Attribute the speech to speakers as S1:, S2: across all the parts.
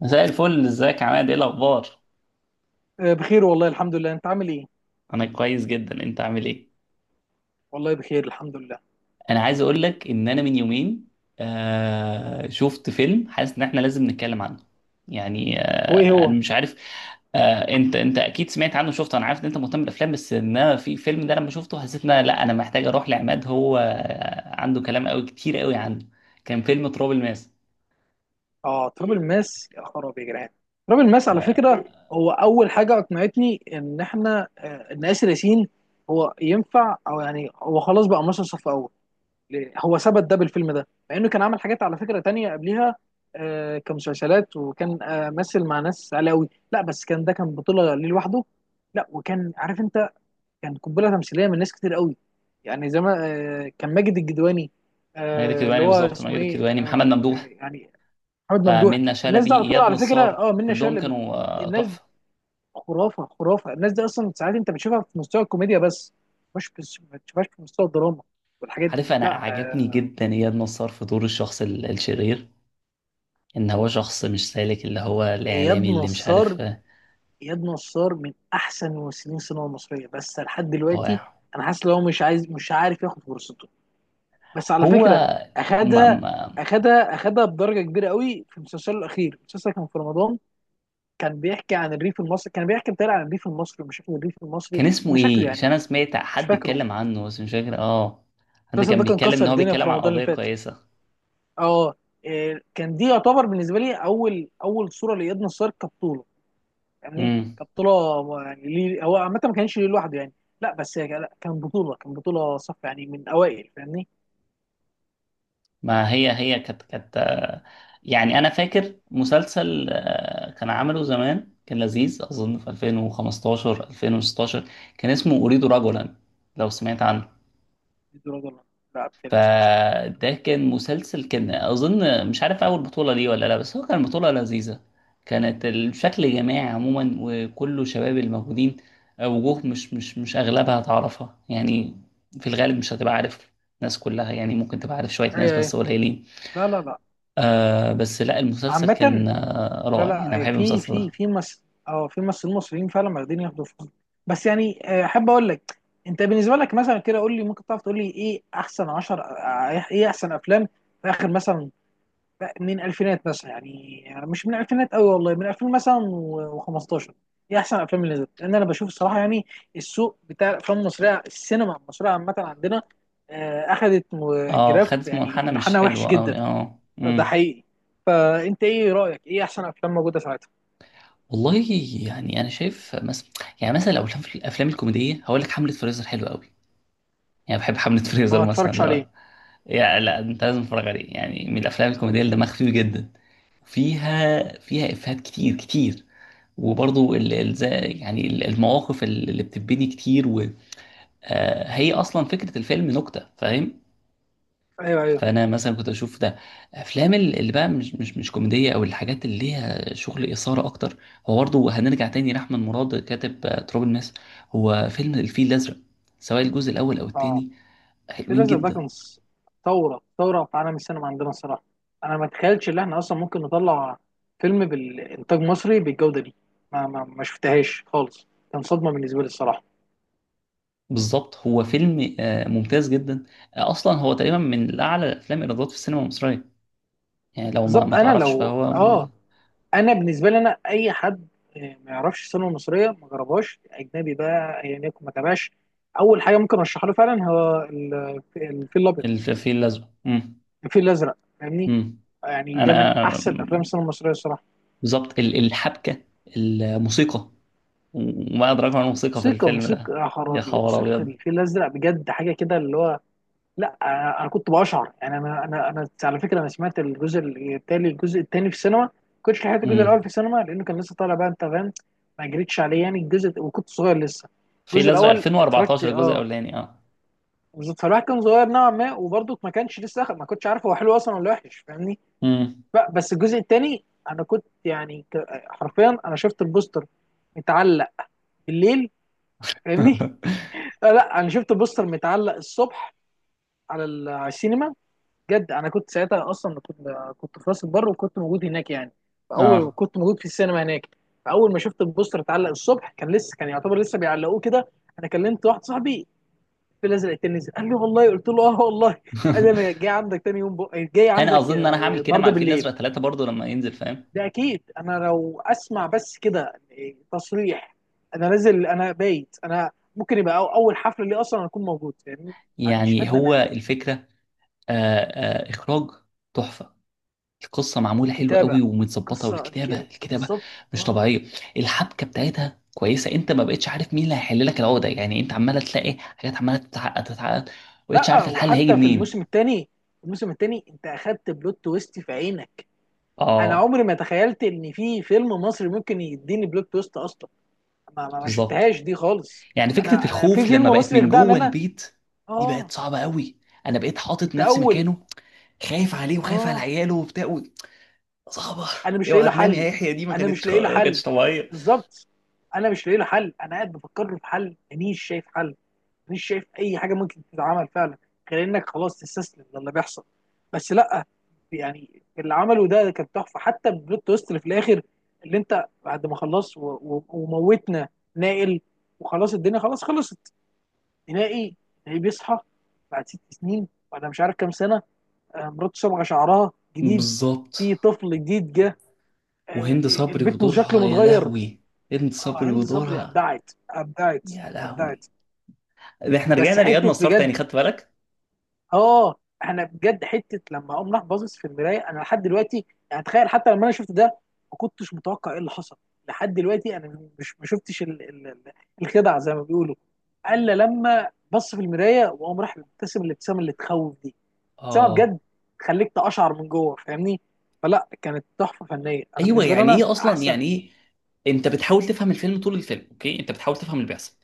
S1: مساء الفل، ازيك يا عماد؟ ايه الاخبار؟
S2: بخير والله الحمد لله. انت عامل ايه؟
S1: انا كويس جدا. انت عامل ايه؟
S2: والله بخير الحمد لله.
S1: انا عايز اقول لك ان انا من يومين شفت فيلم، حاسس ان احنا لازم نتكلم عنه. يعني،
S2: هو ايه هو؟
S1: انا مش عارف. انت اكيد سمعت عنه، شفته. انا عارف ان انت مهتم بالافلام، بس ان انا في فيلم ده لما شفته حسيت ان لا، انا محتاج اروح لعماد. هو عنده كلام قوي، كتير قوي عنه. كان فيلم تراب الماس.
S2: اه، تراب الماس، يا خرابي يا جدعان! تراب الماس على فكره. هو اول حاجه اقنعتني ان احنا آه، ان اسر ياسين، هو ينفع، يعني هو خلاص بقى مصر صف اول؟ ليه؟ هو ثبت ده بالفيلم ده، مع انه كان عمل حاجات على فكره تانية قبلها. كمسلسلات، وكان مثل مع ناس علاوي، لا بس كان ده كان بطوله ليه لوحده. لا، وكان عارف انت، كان قنبله تمثيليه من ناس كتير قوي. يعني زي ما، كان ماجد الجدواني،
S1: ماجد
S2: اللي
S1: الكدواني
S2: هو
S1: بالظبط.
S2: اسمه
S1: ماجد
S2: ايه،
S1: الكدواني، محمد ممدوح.
S2: يعني محمد ممدوح.
S1: منة
S2: الناس دي
S1: شلبي،
S2: على طول
S1: اياد
S2: على فكره.
S1: نصار،
S2: اه، منة
S1: كلهم
S2: شلبي.
S1: كانوا
S2: الناس دي
S1: تحفة.
S2: خرافه، خرافه. الناس دي اصلا ساعات انت بتشوفها في مستوى الكوميديا بس، مش بس، ما بتشوفهاش في مستوى الدراما والحاجات
S1: عارف،
S2: دي.
S1: انا
S2: لا،
S1: عجبني جدا اياد نصار في دور الشخص الشرير. ان هو شخص مش سالك، اللي هو
S2: اياد
S1: الاعلامي اللي مش
S2: نصار،
S1: عارف.
S2: اياد نصار من احسن ممثلين السينما المصريه بس لحد دلوقتي.
S1: رائع.
S2: انا حاسس ان هو مش عارف ياخد فرصته، بس على
S1: هو
S2: فكره
S1: ما
S2: اخدها،
S1: ما
S2: اخدها اخدها بدرجه كبيره قوي في مسلسله الاخير. المسلسل كان في رمضان، كان بيحكي عن الريف المصري، كان بيحكي عن الريف المصري ومشاكل الريف المصري،
S1: كان اسمه
S2: مشاكله
S1: ايه؟ عشان
S2: يعني.
S1: انا سمعت
S2: مش
S1: حد
S2: فاكره.
S1: اتكلم عنه بس مش فاكر. اه. حد
S2: المسلسل
S1: كان
S2: ده كان
S1: بيتكلم ان
S2: كسر
S1: هو
S2: الدنيا في
S1: بيتكلم عن
S2: رمضان اللي
S1: قضية
S2: فات.
S1: كويسة.
S2: اه، إيه، كان دي يعتبر بالنسبه لي اول صوره لاياد نصار كبطوله، يعني
S1: امم.
S2: كبطوله، يعني ليه هو عامه ما كانش ليه لوحده يعني. لا بس هي كان- لا كان بطوله صف يعني، من اوائل، فاهمني.
S1: ما هي كانت. يعني، انا فاكر مسلسل كان عمله زمان، كان لذيذ، اظن في 2015 2016. كان اسمه اريد رجلا، لو سمعت عنه.
S2: دي درجه. لا، بالتالي ما سمعتش عنها.
S1: فده كان مسلسل، كان اظن مش عارف اول بطولة ليه ولا لا، بس هو كان بطولة لذيذة. كانت الشكل جماعي عموما، وكله شباب الموجودين. وجوه مش اغلبها تعرفها، يعني. في الغالب مش هتبقى عارف. ناس كلها، يعني ممكن تبقى عارف شوية
S2: إيه،
S1: ناس
S2: ايه.
S1: بس قليلين.
S2: لا لا لا.
S1: بس لا، المسلسل
S2: عامة،
S1: كان
S2: لا
S1: رائع، يعني انا
S2: لا،
S1: بحب
S2: في
S1: المسلسل
S2: في
S1: ده.
S2: في مس اه في ممثلين مصريين فعلا واخدين ياخدوا فلوس. بس يعني، احب اقول لك، انت بالنسبه لك مثلا كده، قول لي، ممكن تعرف تقول لي ايه احسن 10، ايه احسن افلام في اخر مثلا، من الفينات مثلا، يعني مش من الفينات قوي، والله من 2000 مثلا و15، ايه احسن افلام اللي نزلت؟ لان انا بشوف الصراحه يعني السوق بتاع الافلام المصريه، السينما المصريه عامه عندنا، اخذت
S1: اه،
S2: جراف،
S1: خدت
S2: يعني
S1: منحنى مش
S2: منحنى وحش
S1: حلو
S2: جدا.
S1: قوي. اه.
S2: ده
S1: امم.
S2: حقيقي. فانت ايه رايك، ايه احسن افلام موجوده ساعتها؟
S1: والله، يعني انا شايف مثلا. يعني مثلا لو الافلام الأفلام الكوميديه، هقول لك حمله فريزر حلوه قوي. يعني بحب حملة فريزر
S2: ما
S1: مثلا.
S2: اتفرجش عليه.
S1: لا. يا، لا، انت لازم تتفرج عليه، يعني من الافلام الكوميديه اللي دمها خفيف جدا. فيها افيهات كتير كتير. وبرضو ال... ال... زي- يعني المواقف اللي بتبني كتير. هي اصلا فكره الفيلم نكته، فاهم؟
S2: ايوه، ايوه،
S1: فانا مثلا كنت اشوف ده. افلام اللي بقى مش كوميديه، او الحاجات اللي ليها شغل اثاره اكتر. هو برضو هنرجع تاني لاحمد مراد، كاتب تراب الماس. هو فيلم الفيل الازرق، سواء الجزء الاول او
S2: اه.
S1: التاني.
S2: في
S1: حلوين
S2: لازم ده
S1: جدا.
S2: كان ثوره، ثوره في عالم السينما عندنا الصراحه. انا ما اتخيلش ان احنا اصلا ممكن نطلع فيلم بالانتاج مصري بالجوده دي. ما شفتهاش خالص، كان صدمه بالنسبه لي الصراحه.
S1: بالظبط، هو فيلم ممتاز جدا. اصلا هو تقريبا من اعلى الافلام ايرادات في السينما المصريه. يعني لو ما
S2: بالظبط.
S1: ما
S2: انا
S1: تعرفش،
S2: لو
S1: فهو من...
S2: اه انا بالنسبه لي، انا اي حد آه، ما يعرفش السينما المصريه، ما جربهاش، اجنبي بقى ايا يكن ما تابعش، اول حاجه ممكن ارشحها له فعلا هو الفيل الابيض،
S1: الفيل الازرق. امم.
S2: الفيل الازرق، فاهمني.
S1: امم.
S2: يعني ده من
S1: انا
S2: احسن افلام
S1: آم،
S2: السينما المصريه الصراحه.
S1: بالظبط. الحبكه. الموسيقى. وما ادراك ما الموسيقى في
S2: موسيقى،
S1: الفيلم
S2: موسيقى،
S1: ده!
S2: يا
S1: يا
S2: خرابي!
S1: خبر
S2: موسيقى
S1: ابيض!
S2: الفيل الازرق بجد حاجه كده اللي هو، لا انا كنت بشعر، يعني انا على فكره، انا سمعت الجزء التاني، الجزء التاني في السينما. كنتش لحقت الجزء
S1: امم.
S2: الاول في السينما لانه كان لسه طالع بقى، انت فاهم. ما جريتش عليه يعني الجزء، وكنت صغير لسه.
S1: الفيل
S2: الجزء
S1: الازرق
S2: الاول اتفرجت،
S1: 2014، الجزء
S2: اه.
S1: الاولاني. اه.
S2: بالظبط، فالواحد كان صغير نوعا ما، وبرضه ما كانش لسه ما كنتش عارف هو حلو اصلا ولا وحش، فاهمني.
S1: امم.
S2: بس الجزء التاني، انا كنت يعني حرفيا انا شفت البوستر متعلق بالليل، فاهمني. لا، لا، انا شفت بوستر متعلق الصبح على السينما. بجد، انا كنت ساعتها اصلا كنت، كنت في راس البر وكنت موجود هناك يعني، فاول
S1: اه.
S2: كنت موجود في السينما هناك. فاول ما شفت البوستر اتعلق الصبح، كان لسه، كان يعتبر لسه بيعلقوه كده. انا كلمت واحد صاحبي، في الازرق نزل، قال لي والله، قلت له اه والله. قال لي انا جاي عندك تاني يوم جاي
S1: انا
S2: عندك
S1: اظن ان انا هعمل كده مع
S2: النهارده
S1: الفيل
S2: بالليل.
S1: الازرق ثلاثة برضو لما ينزل، فاهم؟
S2: ده اكيد، انا لو اسمع بس كده تصريح انا نازل، انا بايت، انا ممكن يبقى اول حفله لي اصلا اكون موجود يعني. ما عنديش
S1: يعني
S2: ادنى
S1: هو
S2: مانع.
S1: الفكره. آه، اخراج تحفه. القصه معموله حلوه
S2: كتابه،
S1: قوي ومتظبطه،
S2: قصه
S1: والكتابه
S2: بالظبط.
S1: مش
S2: اه.
S1: طبيعيه. الحبكه بتاعتها كويسه، انت ما بقتش عارف مين اللي هيحل لك العقده. يعني انت عماله تلاقي حاجات عماله تتعقد تتعقد، ما بقتش
S2: لا،
S1: عارف الحل هيجي
S2: وحتى في الموسم
S1: منين.
S2: الثاني، الموسم الثاني انت اخدت بلوت تويست في عينك. انا
S1: اه.
S2: عمري ما تخيلت ان في فيلم مصري ممكن يديني بلوت تويست اصلا. ما
S1: بالظبط.
S2: شفتهاش دي خالص.
S1: يعني فكره
S2: انا في
S1: الخوف
S2: فيلم
S1: لما بقت
S2: مصري
S1: من
S2: يخدعني
S1: جوه
S2: انا؟
S1: البيت، دي
S2: اه،
S1: بقت صعبه قوي. انا بقيت حاطط
S2: انت
S1: نفسي
S2: اول،
S1: مكانه، خايف عليه وخايف على
S2: اه.
S1: عياله وبتاع صعبه.
S2: انا مش لاقي
S1: اوعى
S2: له
S1: تنام يا
S2: حل.
S1: يحيى، دي ما
S2: انا مش
S1: كانتش
S2: لاقي له
S1: ما
S2: حل.
S1: كانتش طبيعيه.
S2: بالظبط. انا مش لاقي له حل، انا قاعد بفكر له في حل، مانيش شايف حل، مانيش شايف اي حاجه ممكن تتعمل فعلا، غير انك خلاص تستسلم للي بيحصل. بس لا يعني، اللي عمله ده كان تحفه، حتى البلوت تويست اللي في الاخر، اللي انت بعد ما خلص وموتنا نائل وخلاص الدنيا خلاص خلصت، نهائي، نهائي، بيصحى بعد 6 سنين، ولا مش عارف كام سنه. مراته صبغه شعرها جديد،
S1: بالظبط.
S2: في طفل جديد جه،
S1: وهند صبري
S2: البيت مش شكله
S1: ودورها، يا
S2: متغير.
S1: لهوي! هند صبري
S2: هند صبري
S1: ودورها،
S2: ابدعت، ابدعت،
S1: يا
S2: ابدعت.
S1: لهوي! ده احنا
S2: بس
S1: رجعنا لإياد
S2: حته
S1: نصار
S2: بجد،
S1: تاني، خدت بالك؟
S2: اه. انا بجد حته لما اقوم راح باصص في المرايه انا لحد دلوقتي. يعني تخيل، حتى لما انا شفت ده ما كنتش متوقع ايه اللي حصل، لحد دلوقتي انا مش ما شفتش الخدعه زي ما بيقولوا، الا لما بص في المرايه وقام راح مبتسم الابتسامه اللي تخوف دي. ابتسامه بجد
S1: اه.
S2: تخليك تقشعر من جوه، فاهمني. فلا كانت تحفه فنيه، انا
S1: ايوه،
S2: بالنسبه لي
S1: يعني
S2: انا
S1: ايه
S2: من
S1: اصلا؟
S2: احسن.
S1: يعني ايه؟ انت بتحاول تفهم الفيلم طول الفيلم، اوكي، انت بتحاول تفهم اللي بيحصل.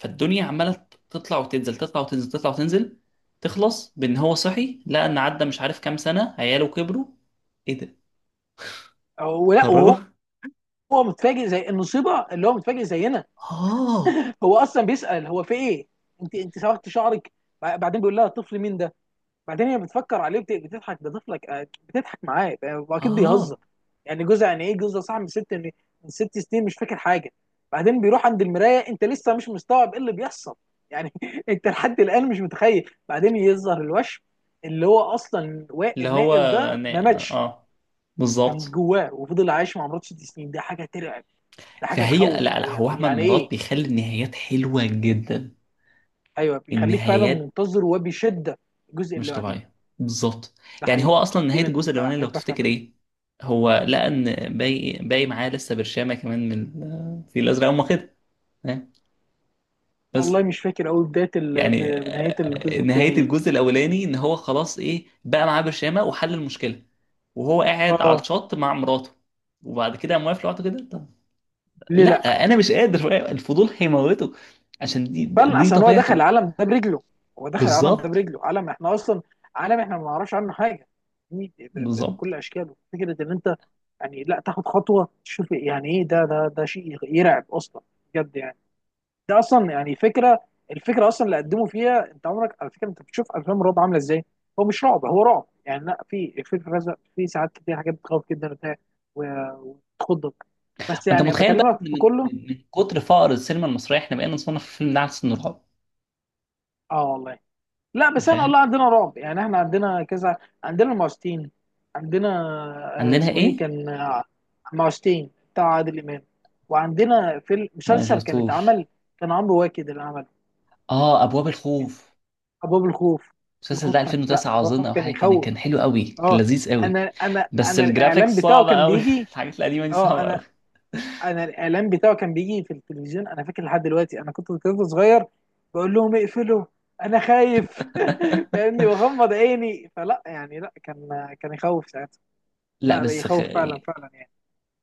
S1: فالدنيا عماله تطلع وتنزل، تطلع وتنزل، تطلع وتنزل. تخلص بان هو صحي، لقى ان عدى مش عارف كام سنه، عياله كبروا. ايه ده؟
S2: ولا
S1: اتخرجوا.
S2: وهو، هو متفاجئ زي المصيبه اللي هو متفاجئ زينا.
S1: اه.
S2: هو اصلا بيسال هو في ايه، انت صبغت شعرك؟ بعدين بيقول لها الطفل مين ده، بعدين هي بتفكر عليه بتضحك ده طفلك، بتضحك معاه، واكيد بيهزر
S1: اه.
S2: يعني جوزها، يعني ايه جوزها صاحب من ست من 6 سنين مش فاكر حاجه. بعدين بيروح عند المرايه، انت لسه مش مستوعب ايه اللي بيحصل يعني انت لحد الان مش متخيل، بعدين يظهر الوشم، اللي هو اصلا
S1: اللي هو
S2: النائل ده ما ماتش،
S1: اه.
S2: كان
S1: بالظبط.
S2: جواه وفضل عايش مع مراته 6 سنين. دي حاجه ترعب، ده حاجه
S1: فهي... لا،
S2: تخوف،
S1: لا، هو
S2: يعني
S1: احمد
S2: يعني
S1: مراد
S2: ايه!
S1: بيخلي النهايات حلوه جدا.
S2: ايوه، بيخليك فعلا
S1: النهايات
S2: منتظر وبشده الجزء
S1: مش
S2: اللي بعديه.
S1: طبيعيه. بالظبط.
S2: ده
S1: يعني هو
S2: حقيقي.
S1: اصلا،
S2: دي
S1: نهايه الجزء
S2: من
S1: الاولاني
S2: حاجات
S1: لو
S2: بعرف
S1: تفتكر
S2: اعملها.
S1: ايه؟ هو لقى ان باقي معاه لسه برشامه كمان من الفيل الازرق. هم كده. ها؟ بس.
S2: والله مش فاكر قوي بدايه
S1: يعني
S2: بنهايه الجزء
S1: نهايه
S2: الثاني دي.
S1: الجزء الاولاني ان هو خلاص، ايه، بقى معاه برشامه وحل المشكله، وهو قاعد على
S2: اه.
S1: الشط مع مراته. وبعد كده قام واقف لوحده كده. طب.
S2: ليه لا؟
S1: لا. انا مش قادر، الفضول هيموته. عشان دي
S2: فعلا،
S1: دي
S2: عشان هو دخل
S1: طبيعته.
S2: العالم ده برجله، هو دخل العالم ده
S1: بالظبط.
S2: برجله، عالم احنا اصلا، عالم احنا ما نعرفش عنه حاجه، يعني
S1: بالظبط.
S2: بكل اشكاله، فكره ان انت يعني لا تاخد خطوه تشوف يعني ايه ده، ده شيء يرعب اصلا بجد يعني. ده اصلا يعني فكره، الفكره اصلا اللي قدموا فيها، انت عمرك على فكره انت بتشوف افلام الرعب عامله ازاي؟ هو مش رعب، هو رعب يعني، لا في الرزق في ساعات كتير حاجات بتخوف جدا وبتاع وتخضك، بس
S1: انت
S2: يعني
S1: متخيل بقى ان
S2: بكلمك في
S1: من
S2: كله.
S1: من من كتر فقر السينما المصريه، احنا بقينا نصنف الفيلم ده على سن رعب؟
S2: اه والله. لا بس انا
S1: فاهم.
S2: والله عندنا رعب يعني، احنا عندنا كذا، عندنا المعوذتين، عندنا
S1: عندنا
S2: اسمه ايه،
S1: ايه؟
S2: كان المعوذتين بتاع عادل امام. وعندنا في
S1: ما
S2: المسلسل كان
S1: شفتوش.
S2: اتعمل، كان عمرو واكد اللي عمله،
S1: اه، ابواب
S2: كان
S1: الخوف.
S2: ابواب الخوف.
S1: المسلسل
S2: الخوف
S1: ده
S2: كان، لا
S1: 2009
S2: ابواب
S1: اظن،
S2: الخوف
S1: او
S2: كان
S1: حاجه، كان
S2: يخوف.
S1: حلو قوي، كان
S2: اه.
S1: لذيذ قوي.
S2: انا انا
S1: بس
S2: انا الاعلان
S1: الجرافيكس
S2: بتاعه
S1: صعبه
S2: كان
S1: قوي.
S2: بيجي،
S1: الحاجات القديمه دي
S2: اه.
S1: صعبه قوي.
S2: انا انا الاعلان بتاعه كان بيجي في التلفزيون، انا فاكر لحد دلوقتي، انا كنت طفل صغير بقول لهم اقفلوا، انا خايف فاهمني، واغمض عيني، فلا يعني لا، كان يخوف ساعتها.
S1: لا،
S2: لا، لا،
S1: بس
S2: يخوف فعلا فعلا يعني.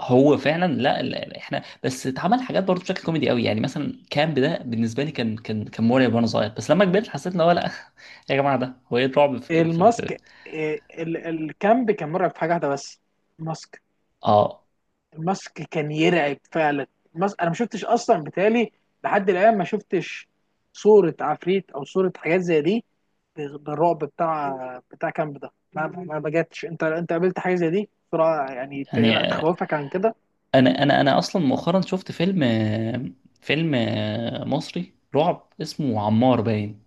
S1: هو فعلا. لا، لا، احنا بس اتعمل حاجات برضه بشكل كوميدي قوي، يعني مثلا كامب ده بالنسبه لي كان مرعب وانا صغير، بس لما كبرت حسيت ان هو لا. يا جماعه، ده هو ايه الرعب في؟
S2: الماسك، إيه، الكامب كان مرعب في حاجه واحده بس، الماسك.
S1: اه.
S2: الماسك كان يرعب فعلا. الماسك انا ما شفتش اصلا، بالتالي لحد الان ما شفتش صوره عفريت او صوره حاجات زي دي بالرعب بتاع، بتاع كامب ده. ما بجاتش، انت قابلت حاجه زي دي بسرعه، يعني
S1: يعني
S2: لا تخوفك عن كده؟
S1: انا اصلا مؤخرا شفت فيلم فيلم مصري رعب، اسمه عمار، باين.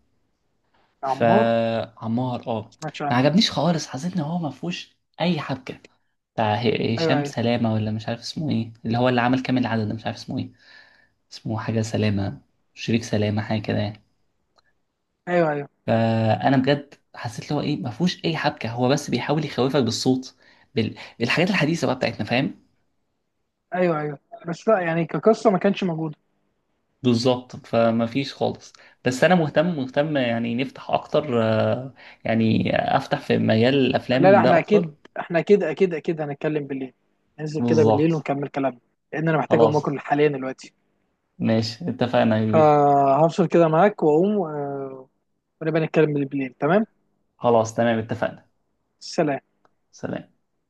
S2: يا عمار،
S1: فعمار،
S2: ما
S1: اه،
S2: سمعتش
S1: ما
S2: عنه.
S1: عجبنيش خالص. حسيت ان هو ما فيهوش اي حبكه. بتاع هشام
S2: ايوه،
S1: سلامه، ولا مش عارف اسمه ايه، اللي هو اللي عمل كامل العدد ده، مش عارف اسمه ايه. اسمه حاجة سلامة، شريك سلامة، حاجة كده يعني.
S2: ايوه، ايوه،
S1: فأنا بجد حسيت اللي هو، إيه، ما فيهوش أي حبكة. هو بس بيحاول يخوفك بالصوت، بالحاجات الحديثة بقى بتاعتنا، فاهم؟
S2: ايوه، ايوه، ايوه. بس لا يعني كقصه ما كانش موجوده.
S1: بالظبط. فما فيش خالص. بس أنا مهتم مهتم، يعني نفتح أكتر يعني، أفتح في مجال
S2: لا لا،
S1: الأفلام ده
S2: احنا
S1: أكتر.
S2: اكيد، هنتكلم بالليل، ننزل كده بالليل
S1: بالظبط.
S2: ونكمل كلامنا، لان انا محتاج اقوم
S1: خلاص.
S2: اكل حاليا دلوقتي.
S1: ماشي، اتفقنا يا كبير.
S2: فهفصل كده معاك واقوم، ونبقى نتكلم بالليل، تمام.
S1: خلاص، تمام، اتفقنا.
S2: سلام.
S1: سلام.